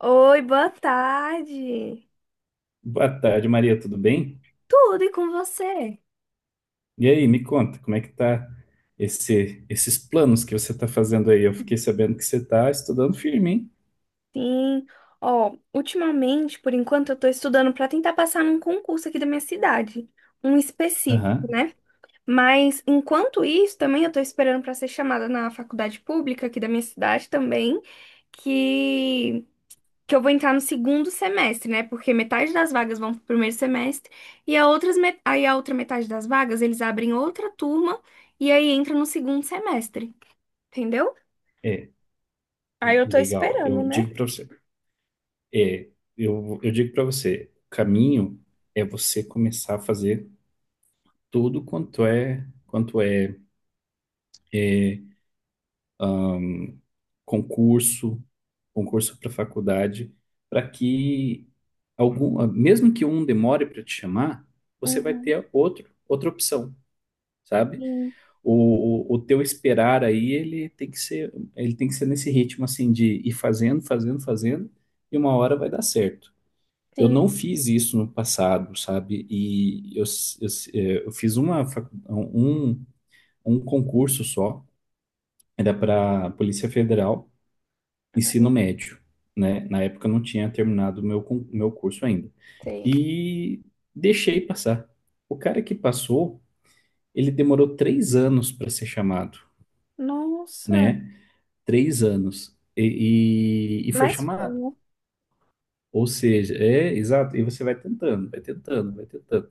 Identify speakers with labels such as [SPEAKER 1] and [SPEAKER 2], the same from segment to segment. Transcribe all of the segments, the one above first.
[SPEAKER 1] Oi, boa tarde.
[SPEAKER 2] Boa tarde, Maria, tudo bem?
[SPEAKER 1] Tudo e com você?
[SPEAKER 2] E aí, me conta, como é que tá esses planos que você está fazendo aí? Eu fiquei sabendo que você está estudando firme, hein?
[SPEAKER 1] Sim. Ó, ultimamente, por enquanto, eu tô estudando para tentar passar num concurso aqui da minha cidade, um específico,
[SPEAKER 2] Aham,
[SPEAKER 1] né? Mas enquanto isso, também eu tô esperando para ser chamada na faculdade pública aqui da minha cidade também, que que eu vou entrar no segundo semestre, né? Porque metade das vagas vão pro primeiro semestre e aí a outra metade das vagas eles abrem outra turma e aí entra no segundo semestre, entendeu?
[SPEAKER 2] é,
[SPEAKER 1] Aí eu tô
[SPEAKER 2] legal. Eu
[SPEAKER 1] esperando, né?
[SPEAKER 2] digo para você, é, eu digo para você, o caminho é você começar a fazer tudo quanto é, é, concurso, concurso para faculdade, para que algum, mesmo que um demore para te chamar, você vai
[SPEAKER 1] Uhum.
[SPEAKER 2] ter outra opção, sabe?
[SPEAKER 1] Sim,
[SPEAKER 2] O teu esperar aí, ele tem que ser nesse ritmo assim de ir fazendo, fazendo, fazendo, e uma hora vai dar certo. Eu
[SPEAKER 1] sim.
[SPEAKER 2] não fiz isso no passado, sabe? E eu fiz um concurso só, era para Polícia Federal, ensino
[SPEAKER 1] Eu.
[SPEAKER 2] médio, né? Na época eu não tinha terminado o meu curso ainda.
[SPEAKER 1] Sei.
[SPEAKER 2] E deixei passar. O cara que passou, ele demorou três anos para ser chamado,
[SPEAKER 1] Nossa,
[SPEAKER 2] né? Três anos e foi
[SPEAKER 1] mas foi,
[SPEAKER 2] chamado.
[SPEAKER 1] né?
[SPEAKER 2] Ou seja, é exato, e você vai tentando, vai tentando, vai tentando.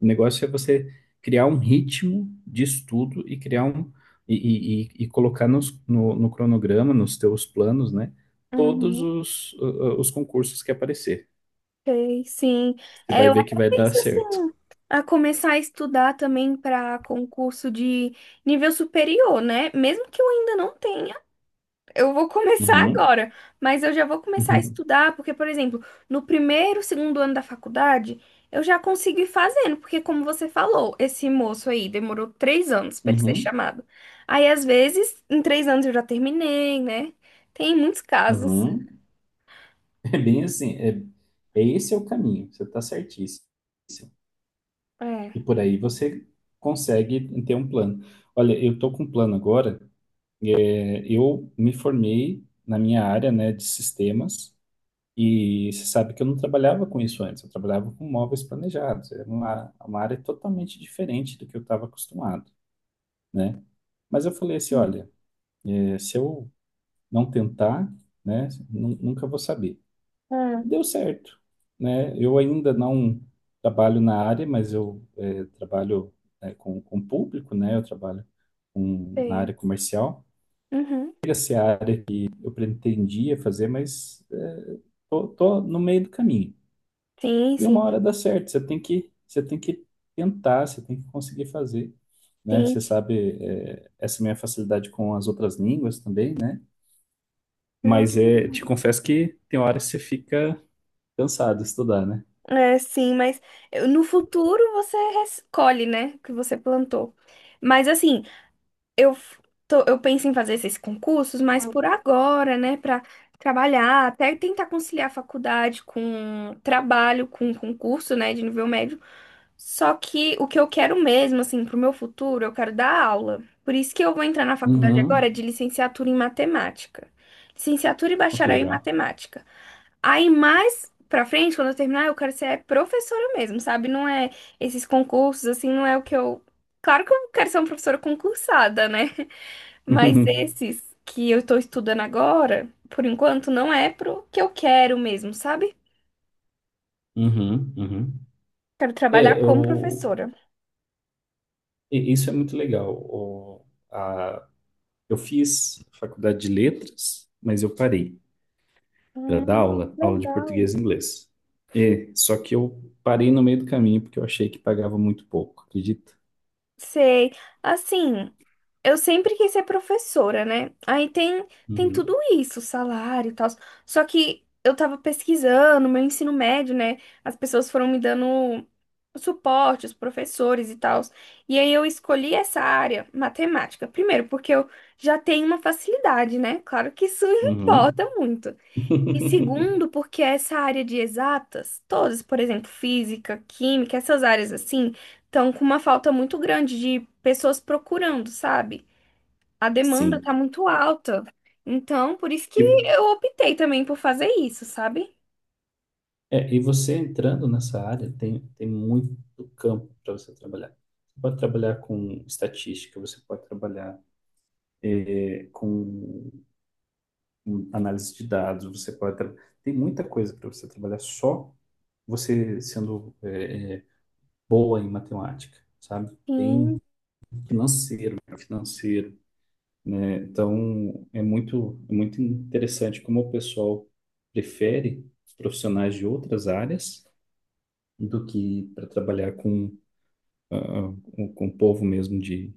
[SPEAKER 2] O negócio é você criar um ritmo de estudo e criar e colocar no, no cronograma, nos teus planos, né? Todos
[SPEAKER 1] Uhum.
[SPEAKER 2] os concursos que aparecer.
[SPEAKER 1] Sei, sim.
[SPEAKER 2] Você
[SPEAKER 1] É,
[SPEAKER 2] vai
[SPEAKER 1] eu
[SPEAKER 2] ver que
[SPEAKER 1] até
[SPEAKER 2] vai dar
[SPEAKER 1] pensei assim,
[SPEAKER 2] certo.
[SPEAKER 1] a começar a estudar também para concurso de nível superior, né? Mesmo que eu ainda não tenha. Eu vou começar
[SPEAKER 2] Uhum,
[SPEAKER 1] agora, mas eu já vou começar a
[SPEAKER 2] uhum,
[SPEAKER 1] estudar, porque, por exemplo, no primeiro, segundo ano da faculdade, eu já consigo ir fazendo, porque, como você falou, esse moço aí demorou 3 anos para ele ser
[SPEAKER 2] uhum,
[SPEAKER 1] chamado. Aí, às vezes, em 3 anos eu já terminei, né? Tem muitos casos.
[SPEAKER 2] uhum. É bem assim, é, esse é o caminho, você está certíssimo. E
[SPEAKER 1] É.
[SPEAKER 2] por aí você consegue ter um plano. Olha, eu estou com um plano agora. É, eu me formei na minha área, né, de sistemas, e você sabe que eu não trabalhava com isso antes. Eu trabalhava com móveis planejados. Era uma área totalmente diferente do que eu estava acostumado, né? Mas eu falei assim,
[SPEAKER 1] Hum.
[SPEAKER 2] olha, é, se eu não tentar, né, nunca vou saber.
[SPEAKER 1] Ah,
[SPEAKER 2] Deu certo, né? Eu ainda não trabalho na área, mas eu trabalho, né, com público, né? Eu trabalho na
[SPEAKER 1] sei.
[SPEAKER 2] área comercial.
[SPEAKER 1] Uhum.
[SPEAKER 2] Chega a ser a área que eu pretendia fazer, mas tô no meio do caminho.
[SPEAKER 1] Sim,
[SPEAKER 2] E
[SPEAKER 1] sim,
[SPEAKER 2] uma hora dá certo, você tem que tentar, você tem que conseguir fazer, né?
[SPEAKER 1] sim.
[SPEAKER 2] Você sabe, essa minha facilidade com as outras línguas também, né?
[SPEAKER 1] Não,
[SPEAKER 2] Mas é, te confesso que tem horas que você fica cansado de estudar, né?
[SPEAKER 1] é, sim, mas no futuro você escolhe, né, o que você plantou. Mas assim, eu, f- eu penso em fazer esses concursos, mas por agora, né, para trabalhar, até tentar conciliar a faculdade com trabalho, com concurso, né, de nível médio. Só que o que eu quero mesmo, assim, pro meu futuro, eu quero dar aula. Por isso que eu vou entrar na faculdade agora de
[SPEAKER 2] Uhum.
[SPEAKER 1] licenciatura em matemática. Licenciatura e
[SPEAKER 2] Oh, que
[SPEAKER 1] bacharel em
[SPEAKER 2] legal.
[SPEAKER 1] matemática. Aí mais pra frente, quando eu terminar, eu quero ser professora mesmo, sabe? Não é esses concursos, assim, não é o que eu. Claro que eu quero ser uma professora concursada, né? Mas
[SPEAKER 2] Uhum,
[SPEAKER 1] esses que eu estou estudando agora, por enquanto, não é pro que eu quero mesmo, sabe?
[SPEAKER 2] uhum, uhum.
[SPEAKER 1] Quero
[SPEAKER 2] É,
[SPEAKER 1] trabalhar como
[SPEAKER 2] eu,
[SPEAKER 1] professora.
[SPEAKER 2] isso é muito legal. A- eu fiz faculdade de letras, mas eu parei para dar
[SPEAKER 1] Hum,
[SPEAKER 2] aula, aula de
[SPEAKER 1] legal.
[SPEAKER 2] português e inglês. É, só que eu parei no meio do caminho porque eu achei que pagava muito pouco, acredita?
[SPEAKER 1] Sei. Assim, eu sempre quis ser professora, né? Aí tem, tem tudo
[SPEAKER 2] Uhum,
[SPEAKER 1] isso, salário e tal. Só que eu tava pesquisando, meu ensino médio, né? As pessoas foram me dando suporte, os professores e tal. E aí eu escolhi essa área, matemática. Primeiro, porque eu já tenho uma facilidade, né? Claro que isso
[SPEAKER 2] uhum.
[SPEAKER 1] importa muito. E segundo, porque essa área de exatas, todas, por exemplo, física, química, essas áreas assim, estão com uma falta muito grande de pessoas procurando, sabe? A demanda está
[SPEAKER 2] Sim.
[SPEAKER 1] muito alta. Então, por isso que
[SPEAKER 2] E,
[SPEAKER 1] eu optei também por fazer isso, sabe?
[SPEAKER 2] e você entrando nessa área, tem, tem muito campo para você trabalhar. Você pode trabalhar com estatística, você pode trabalhar com um análise de dados, tem muita coisa para você trabalhar, só você sendo boa em matemática, sabe? Tem
[SPEAKER 1] Sim.
[SPEAKER 2] financeiro, né? Financeiro, né? Então é muito interessante como o pessoal prefere profissionais de outras áreas do que para trabalhar com o povo mesmo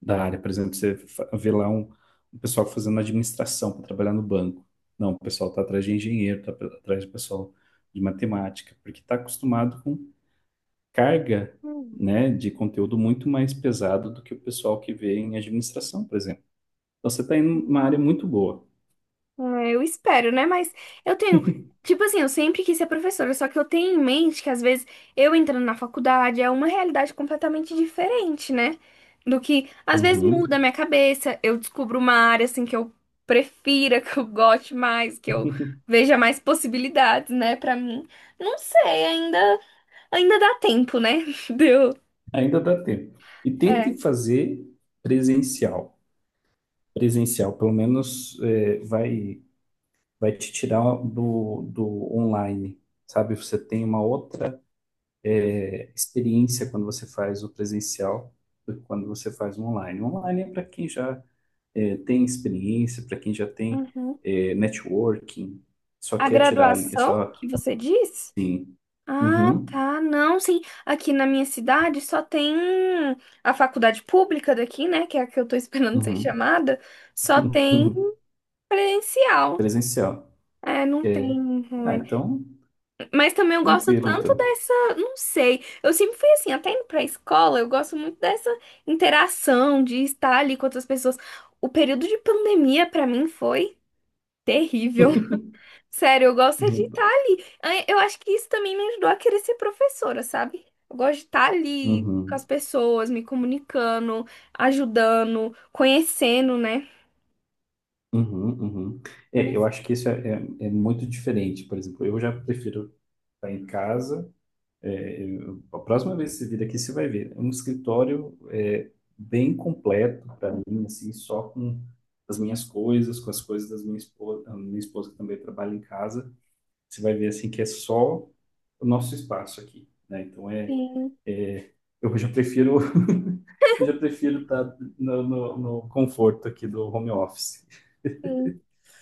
[SPEAKER 2] da área. Por exemplo, você vê lá um pessoal fazendo administração para trabalhar no banco. Não, o pessoal está atrás de engenheiro, está atrás do pessoal de matemática, porque está acostumado com carga, né, de conteúdo muito mais pesado do que o pessoal que vê em administração, por exemplo. Então, você está em uma área muito boa.
[SPEAKER 1] É, eu espero, né? Mas eu tenho. Tipo assim, eu sempre quis ser professora, só que eu tenho em mente que às vezes eu entrando na faculdade é uma realidade completamente diferente, né? Do que às vezes muda a
[SPEAKER 2] Uhum.
[SPEAKER 1] minha cabeça, eu descubro uma área assim que eu prefira, que eu goste mais, que eu veja mais possibilidades, né, pra mim. Não sei, ainda dá tempo, né? Deu.
[SPEAKER 2] Ainda dá tempo. E tente
[SPEAKER 1] É.
[SPEAKER 2] fazer presencial. Presencial, pelo menos, é, vai. Vai te tirar do online, sabe? Você tem uma outra experiência quando você faz o presencial do que quando você faz o online. O online é para quem já tem experiência, para quem já tem
[SPEAKER 1] Uhum.
[SPEAKER 2] networking, só
[SPEAKER 1] A
[SPEAKER 2] quer tirar ali, é
[SPEAKER 1] graduação
[SPEAKER 2] só
[SPEAKER 1] que você disse?
[SPEAKER 2] assim.
[SPEAKER 1] Ah,
[SPEAKER 2] Uhum,
[SPEAKER 1] tá. Não, sim. Aqui na minha cidade só tem a faculdade pública daqui, né? Que é a que eu tô esperando ser
[SPEAKER 2] uhum,
[SPEAKER 1] chamada. Só tem presencial.
[SPEAKER 2] presencial.
[SPEAKER 1] É, não tem
[SPEAKER 2] É. Ah,
[SPEAKER 1] online.
[SPEAKER 2] então,
[SPEAKER 1] Mas também eu gosto
[SPEAKER 2] tranquilo,
[SPEAKER 1] tanto
[SPEAKER 2] então.
[SPEAKER 1] dessa. Não sei. Eu sempre fui assim, até indo pra escola, eu gosto muito dessa interação, de estar ali com outras pessoas. O período de pandemia, pra mim, foi terrível. Sério, eu gosto é de
[SPEAKER 2] Uhum,
[SPEAKER 1] estar ali. Ah, eu acho que isso também me ajudou a querer ser professora, sabe? Eu gosto de estar ali com
[SPEAKER 2] uhum,
[SPEAKER 1] as pessoas, me comunicando, ajudando, conhecendo, né?
[SPEAKER 2] uhum, uhum.
[SPEAKER 1] Por
[SPEAKER 2] É, eu
[SPEAKER 1] isso,
[SPEAKER 2] acho que isso é muito diferente. Por exemplo, eu já prefiro tá em casa. É, a próxima vez que você vir aqui, você vai ver. É um escritório, é, bem completo para mim, assim, só com as minhas coisas, com as coisas das minha esposa, a minha esposa que também trabalha em casa. Você vai ver assim que é só o nosso espaço aqui, né? Então é,
[SPEAKER 1] sim,
[SPEAKER 2] é, eu já prefiro, eu já prefiro estar no conforto aqui do home office.
[SPEAKER 1] sim.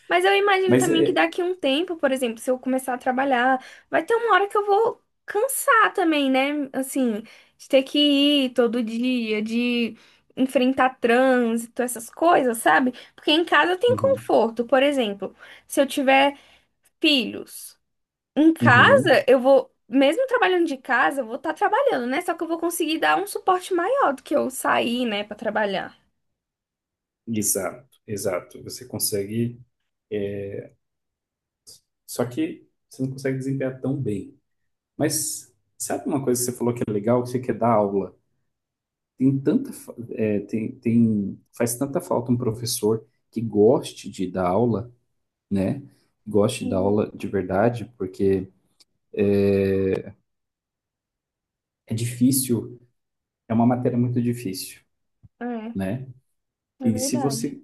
[SPEAKER 1] Mas eu imagino
[SPEAKER 2] Mas
[SPEAKER 1] também que
[SPEAKER 2] é
[SPEAKER 1] daqui a um tempo, por exemplo, se eu começar a trabalhar, vai ter uma hora que eu vou cansar também, né? Assim, de ter que ir todo dia, de enfrentar trânsito, essas coisas, sabe? Porque em casa tem
[SPEAKER 2] uhum,
[SPEAKER 1] conforto, por exemplo. Se eu tiver filhos. Em
[SPEAKER 2] uhum,
[SPEAKER 1] casa, eu vou, mesmo trabalhando de casa, eu vou estar trabalhando, né? Só que eu vou conseguir dar um suporte maior do que eu sair, né, para trabalhar.
[SPEAKER 2] exato, exato. Você consegue. Só que você não consegue desempenhar tão bem. Mas sabe uma coisa que você falou que é legal, que você quer dar aula? Tem tanta, tem, faz tanta falta um professor que goste de dar aula, né? Goste de dar
[SPEAKER 1] Sim,
[SPEAKER 2] aula de verdade, porque é difícil, é uma matéria muito difícil,
[SPEAKER 1] é,
[SPEAKER 2] né?
[SPEAKER 1] é
[SPEAKER 2] E se
[SPEAKER 1] verdade.
[SPEAKER 2] você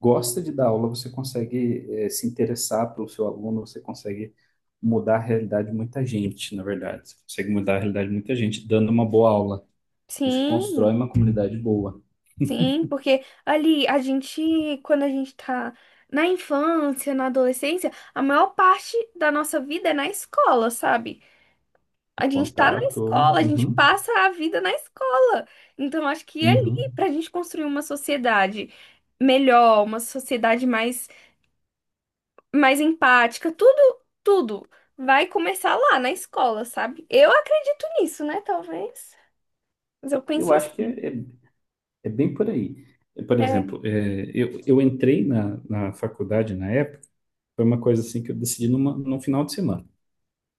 [SPEAKER 2] gosta de dar aula, você consegue, é, se interessar pelo seu aluno, você consegue mudar a realidade de muita gente, na verdade. Você consegue mudar a realidade de muita gente dando uma boa aula. Você
[SPEAKER 1] Sim,
[SPEAKER 2] constrói uma comunidade boa.
[SPEAKER 1] sim, porque ali a gente, quando a gente tá na infância, na adolescência, a maior parte da nossa vida é na escola, sabe? A gente tá na
[SPEAKER 2] Contato.
[SPEAKER 1] escola, a gente
[SPEAKER 2] Uhum.
[SPEAKER 1] passa a vida na escola. Então, acho que é ali,
[SPEAKER 2] Uhum.
[SPEAKER 1] pra gente construir uma sociedade melhor, uma sociedade mais empática, tudo, tudo vai começar lá na escola, sabe? Eu acredito nisso, né? Talvez. Mas eu
[SPEAKER 2] Eu
[SPEAKER 1] penso
[SPEAKER 2] acho que
[SPEAKER 1] assim.
[SPEAKER 2] é bem por aí. É, por
[SPEAKER 1] É.
[SPEAKER 2] exemplo, é, eu entrei na faculdade na época, foi uma coisa assim que eu decidi num final de semana,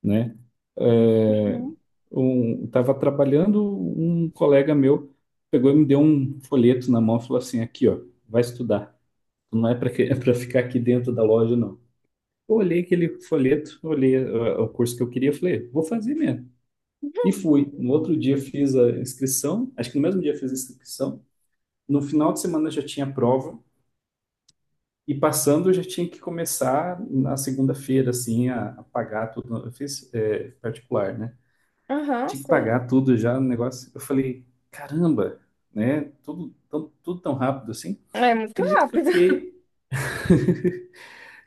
[SPEAKER 2] né? É,
[SPEAKER 1] Uhum.
[SPEAKER 2] um, estava trabalhando, um colega meu pegou e me deu um folheto na mão e falou assim, aqui, ó, vai estudar. Não é para é para ficar aqui dentro da loja, não. Eu olhei aquele folheto, olhei o curso que eu queria, falei, vou fazer mesmo. E fui. No outro dia fiz a inscrição, acho que no mesmo dia fiz a inscrição. No final de semana já tinha prova, e passando eu já tinha que começar na segunda-feira, assim, a pagar tudo. Eu fiz, é, particular, né?
[SPEAKER 1] Aham,
[SPEAKER 2] Tinha que
[SPEAKER 1] sei.
[SPEAKER 2] pagar tudo já no negócio. Eu falei, caramba, né? Tudo tão rápido assim.
[SPEAKER 1] É muito
[SPEAKER 2] Acredita que eu
[SPEAKER 1] rápido.
[SPEAKER 2] fiquei.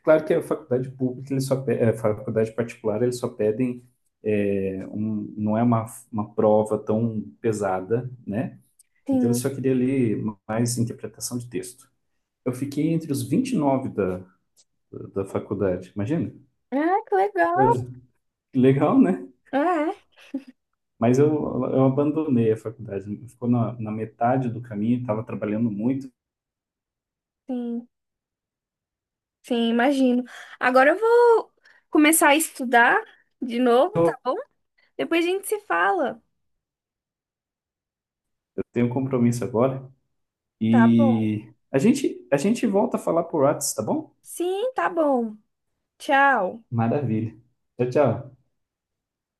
[SPEAKER 2] Claro que a faculdade pública, eles só, a faculdade particular, eles só pedem, é, um, não é uma prova tão pesada, né? Então, eu
[SPEAKER 1] Sim.
[SPEAKER 2] só queria ler mais interpretação de texto. Eu fiquei entre os 29 da faculdade, imagina?
[SPEAKER 1] Ah, que legal.
[SPEAKER 2] Coisa legal, né?
[SPEAKER 1] É,
[SPEAKER 2] Mas eu abandonei a faculdade, ficou na metade do caminho, estava trabalhando muito,
[SPEAKER 1] sim. Sim, imagino. Agora eu vou começar a estudar de novo, tá bom? Depois a gente se fala.
[SPEAKER 2] eu tenho um compromisso agora.
[SPEAKER 1] Tá bom.
[SPEAKER 2] E a gente volta a falar por WhatsApp, tá bom?
[SPEAKER 1] Sim, tá bom. Tchau.
[SPEAKER 2] Maravilha. Tchau, tchau.